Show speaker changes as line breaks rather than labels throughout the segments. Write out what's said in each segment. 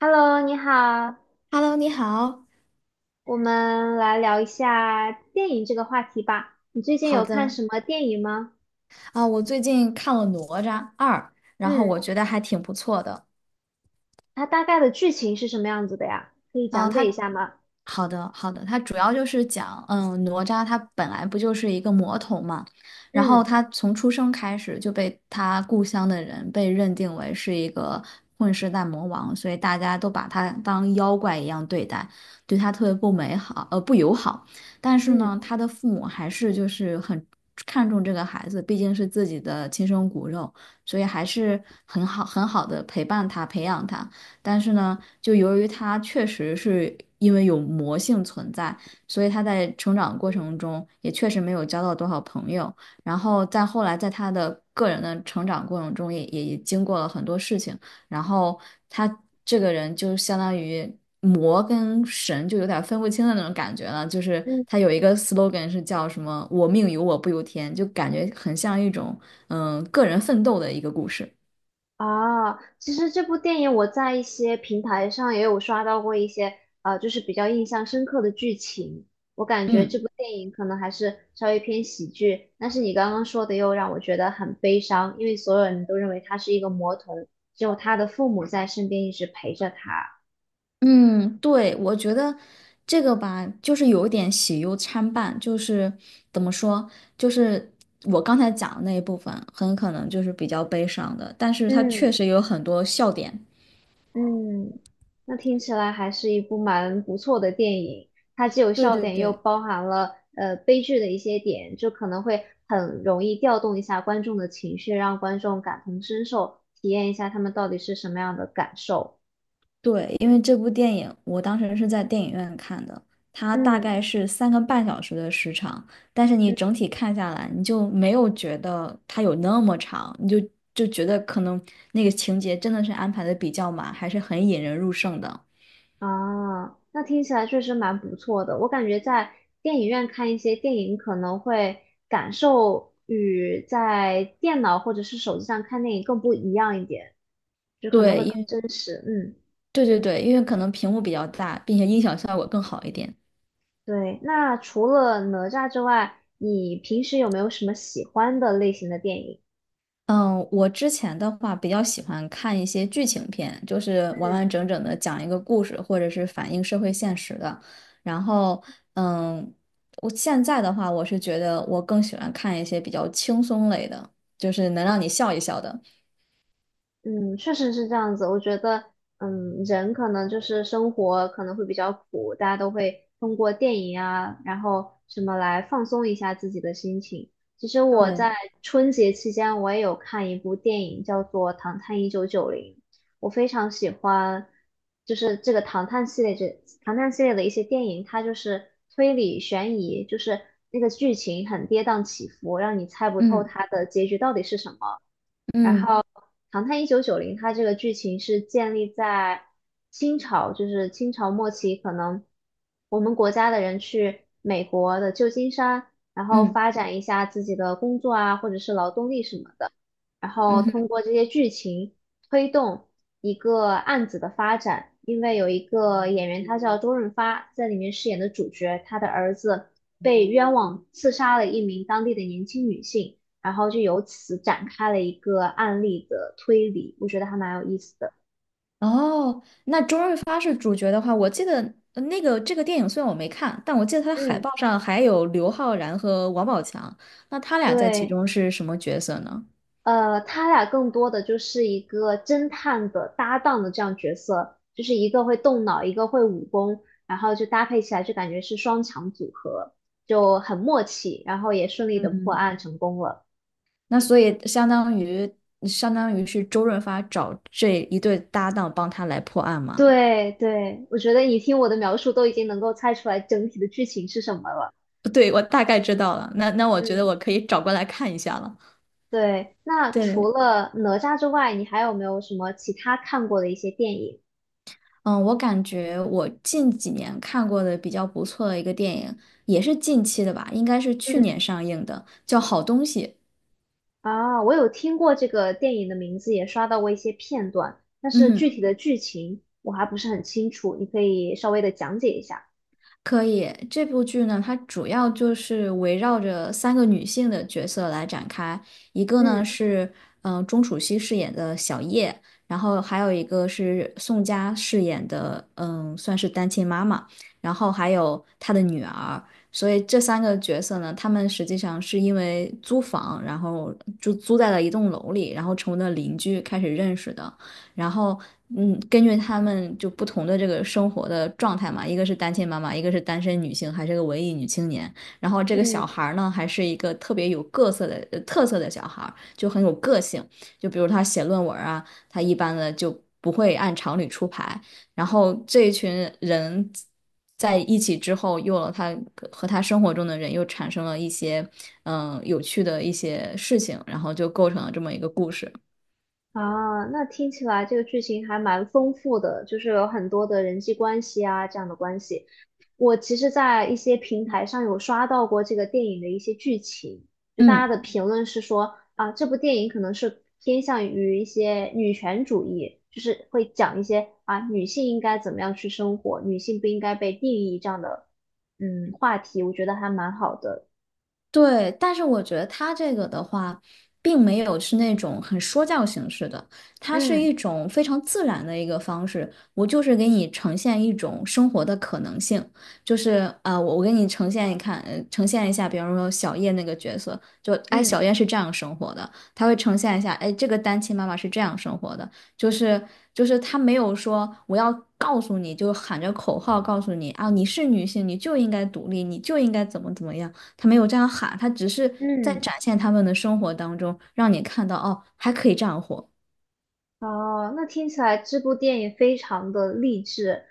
Hello，你好，
Hello，你好。
我们来聊一下电影这个话题吧。你最近
好
有看
的。
什么电影吗？
我最近看了《哪吒二》，然后我
嗯，
觉得还挺不错的。
它大概的剧情是什么样子的呀？可以
啊。
讲解一
它
下吗？
好的，好的，它主要就是讲，哪吒他本来不就是一个魔童嘛，然后
嗯
他从出生开始就被他故乡的人被认定为是一个混世大魔王，所以大家都把他当妖怪一样对待，对他特别不美好，不友好。但是呢，
嗯
他的父母还是就是很看重这个孩子，毕竟是自己的亲生骨肉，所以还是很好很好的陪伴他，培养他。但是呢，就由于他确实是因为有魔性存在，所以他在成长过程中也确实没有交到多少朋友。然后在后来，在他的个人的成长过程中也经过了很多事情。然后他这个人就相当于魔跟神就有点分不清的那种感觉了。就是
嗯。
他有一个 slogan 是叫什么“我命由我不由天”，就感觉很像一种个人奋斗的一个故事。
啊，其实这部电影我在一些平台上也有刷到过一些，就是比较印象深刻的剧情。我感觉这
嗯。
部电影可能还是稍微偏喜剧，但是你刚刚说的又让我觉得很悲伤，因为所有人都认为他是一个魔童，只有他的父母在身边一直陪着他。
嗯，对，我觉得这个吧，就是有一点喜忧参半，就是怎么说，就是我刚才讲的那一部分，很可能就是比较悲伤的，但是它
嗯，
确实有很多笑点。
嗯，那听起来还是一部蛮不错的电影，它既有
对
笑
对
点，又
对
包含了悲剧的一些点，就可能会很容易调动一下观众的情绪，让观众感同身受，体验一下他们到底是什么样的感受。
对，因为这部电影我当时是在电影院看的，它大
嗯
概是三个半小时的时长，但是你
嗯
整体看下来，你就没有觉得它有那么长，你就觉得可能那个情节真的是安排的比较满，还是很引人入胜的。
啊，那听起来确实蛮不错的。我感觉在电影院看一些电影，可能会感受与在电脑或者是手机上看电影更不一样一点，就可能
对，
会
因
更
为
真实。嗯。
对对对，因为可能屏幕比较大，并且音响效果更好一点。
对，那除了哪吒之外，你平时有没有什么喜欢的类型的电影？
嗯，我之前的话比较喜欢看一些剧情片，就是完
嗯。
完整整的讲一个故事，或者是反映社会现实的。然后，嗯，我现在的话，我是觉得我更喜欢看一些比较轻松类的，就是能让你笑一笑的。
嗯，确实是这样子。我觉得，嗯，人可能就是生活可能会比较苦，大家都会通过电影啊，然后什么来放松一下自己的心情。其实我在
对，
春节期间，我也有看一部电影，叫做《唐探一九九零》，我非常喜欢，就是这个唐探系列的一些电影，它就是推理悬疑，就是那个剧情很跌宕起伏，让你猜不透
嗯
它的结局到底是什么。然后
嗯
《唐探一九九零》它这个剧情是建立在清朝，就是清朝末期，可能我们国家的人去美国的旧金山，然后
嗯
发展一下自己的工作啊，或者是劳动力什么的，然后
嗯
通
嗯。
过这些剧情推动一个案子的发展。因为有一个演员，他叫周润发，在里面饰演的主角，他的儿子被冤枉刺杀了一名当地的年轻女性。然后就由此展开了一个案例的推理，我觉得还蛮有意思的。
哦，那周润发是主角的话，我记得那个这个电影虽然我没看，但我记得它的海
嗯
报上还有刘昊然和王宝强，那他俩在其
对，
中是什么角色呢？
他俩更多的就是一个侦探的搭档的这样角色，就是一个会动脑，一个会武功，然后就搭配起来就感觉是双强组合，就很默契，然后也顺利的破案成功了。
那所以相当于是周润发找这一对搭档帮他来破案吗？
对对，我觉得你听我的描述都已经能够猜出来整体的剧情是什么了。
对，我大概知道了，那我觉得
嗯
我可以找过来看一下了。
对，那除
对，
了哪吒之外，你还有没有什么其他看过的一些电影？
嗯，我感觉我近几年看过的比较不错的一个电影，也是近期的吧，应该是去年
嗯，
上映的，叫《好东西》。
啊，我有听过这个电影的名字，也刷到过一些片段，但
嗯
是具
哼，
体的剧情我还不是很清楚，你可以稍微的讲解一下。
可以。这部剧呢，它主要就是围绕着三个女性的角色来展开。一个呢
嗯
是，钟楚曦饰演的小叶，然后还有一个是宋佳饰演的，嗯，算是单亲妈妈，然后还有她的女儿。所以这三个角色呢，他们实际上是因为租房，然后就租在了一栋楼里，然后成为了邻居，开始认识的。然后，根据他们就不同的这个生活的状态嘛，一个是单亲妈妈，一个是单身女性，还是个文艺女青年。然后这个
嗯
小孩儿呢，还是一个特别有各色的呃特色的小孩儿，就很有个性。就比如他写论文啊，他一般的就不会按常理出牌。然后这一群人在一起之后，又有了他和他生活中的人又产生了一些有趣的一些事情，然后就构成了这么一个故事。
啊，那听起来这个剧情还蛮丰富的，就是有很多的人际关系啊这样的关系。我其实，在一些平台上有刷到过这个电影的一些剧情，就大家
嗯。
的评论是说啊，这部电影可能是偏向于一些女权主义，就是会讲一些啊女性应该怎么样去生活，女性不应该被定义这样的话题，我觉得还蛮好的。
对，但是我觉得它这个的话，并没有是那种很说教形式的，它是一
嗯
种非常自然的一个方式。我就是给你呈现一种生活的可能性，就是啊，我给你呈现一看，呈现一下，比方说小叶那个角色，就哎，
嗯
小叶是这样生活的，他会呈现一下，哎，这个单亲妈妈是这样生活的，就是就是他没有说我要告诉你，就喊着口号告诉你啊，你是女性，你就应该独立，你就应该怎么怎么样。他没有这样喊，他只是在
嗯。
展现他们的生活当中，让你看到哦，还可以这样活。
哦，那听起来这部电影非常的励志，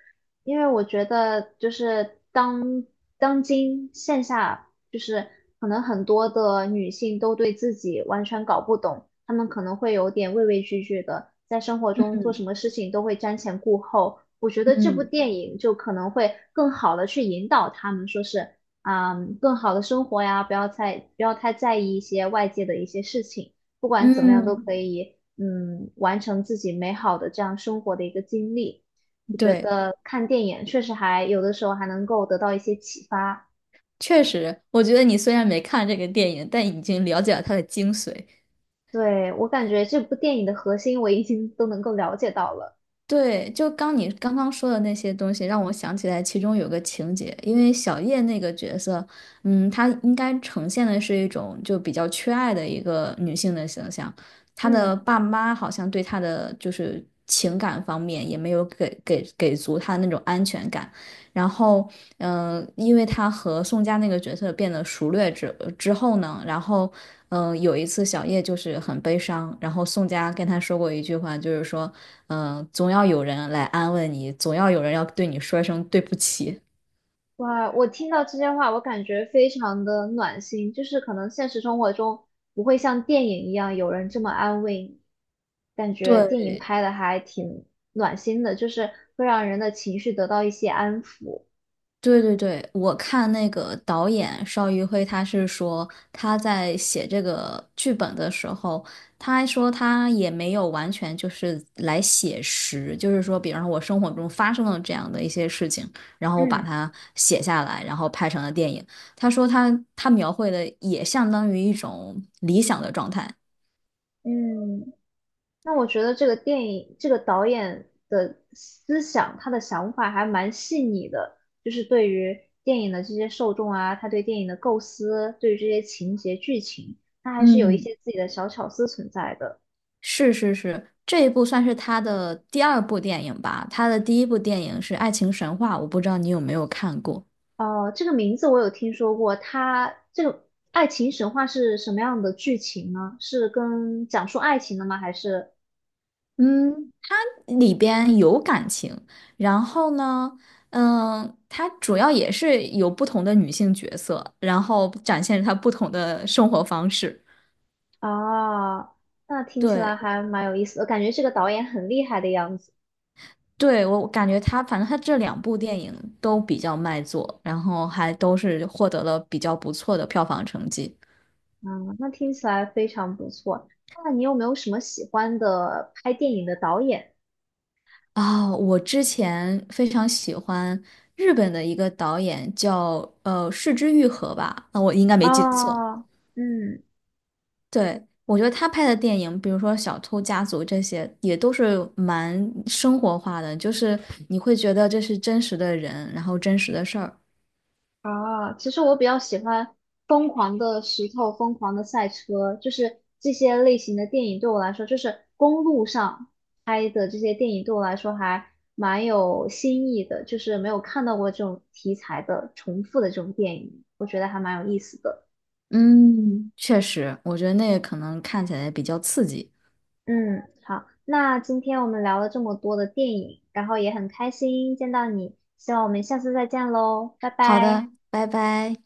因为我觉得就是当线下，就是可能很多的女性都对自己完全搞不懂，她们可能会有点畏畏惧惧的，在生活中做什么事情都会瞻前顾后。我觉得这部
嗯。
电影就可能会更好的去引导她们，说是啊，更好的生活呀，不要太在意一些外界的一些事情。不管怎么样都
嗯。
可以，嗯，完成自己美好的这样生活的一个经历。我觉
对，
得看电影确实还有的时候能够得到一些启发。
确实，我觉得你虽然没看这个电影，但已经了解了它的精髓。
对，我感觉这部电影的核心我已经都能够了解到了。
对，就你刚刚说的那些东西，让我想起来其中有个情节，因为小叶那个角色，嗯，她应该呈现的是一种就比较缺爱的一个女性的形象，她
嗯，
的爸妈好像对她的就是情感方面也没有给足她那种安全感，然后，因为她和宋佳那个角色变得熟略之后呢，然后。嗯，有一次小叶就是很悲伤，然后宋佳跟她说过一句话，就是说。嗯，总要有人来安慰你，总要有人要对你说一声对不起。
哇，我听到这些话，我感觉非常的暖心，就是可能现实生活中不会像电影一样有人这么安慰你，感觉电
对
影拍的还挺暖心的，就是会让人的情绪得到一些安抚。
对对对，我看那个导演邵艺辉，他是说他在写这个剧本的时候，他还说他也没有完全就是来写实，就是说，比方说我生活中发生了这样的一些事情，然后我把
嗯。
它写下来，然后拍成了电影。他说他描绘的也相当于一种理想的状态。
嗯，那我觉得这个电影，这个导演的思想，他的想法还蛮细腻的，就是对于电影的这些受众啊，他对电影的构思，对于这些情节剧情，他还是有一
嗯。
些自己的小巧思存在的。
是是是，这一部算是他的第二部电影吧。他的第一部电影是《爱情神话》，我不知道你有没有看过。
哦、这个名字我有听说过，他这个爱情神话是什么样的剧情呢？是跟讲述爱情的吗？还是
嗯，它里边有感情，然后呢，嗯，它主要也是有不同的女性角色，然后展现她不同的生活方式。
啊，那听起来
对，
还蛮有意思的，感觉这个导演很厉害的样子。
对，我感觉他反正他这两部电影都比较卖座，然后还都是获得了比较不错的票房成绩。
嗯，那听起来非常不错。那你有没有什么喜欢的拍电影的导演？
啊，我之前非常喜欢日本的一个导演叫市之愈合吧，那我应该没记错。
啊？嗯，
对，我觉得他拍的电影，比如说《小偷家族》这些，也都是蛮生活化的，就是你会觉得这是真实的人，然后真实的事儿。
啊，其实我比较喜欢《疯狂的石头》《疯狂的赛车》，就是这些类型的电影对我来说，就是公路上拍的这些电影对我来说还蛮有新意的，就是没有看到过这种题材的重复的这种电影，我觉得还蛮有意思的。
嗯，确实，我觉得那个可能看起来比较刺激。
嗯，好，那今天我们聊了这么多的电影，然后也很开心见到你，希望我们下次再见喽，拜
好
拜。
的，拜拜。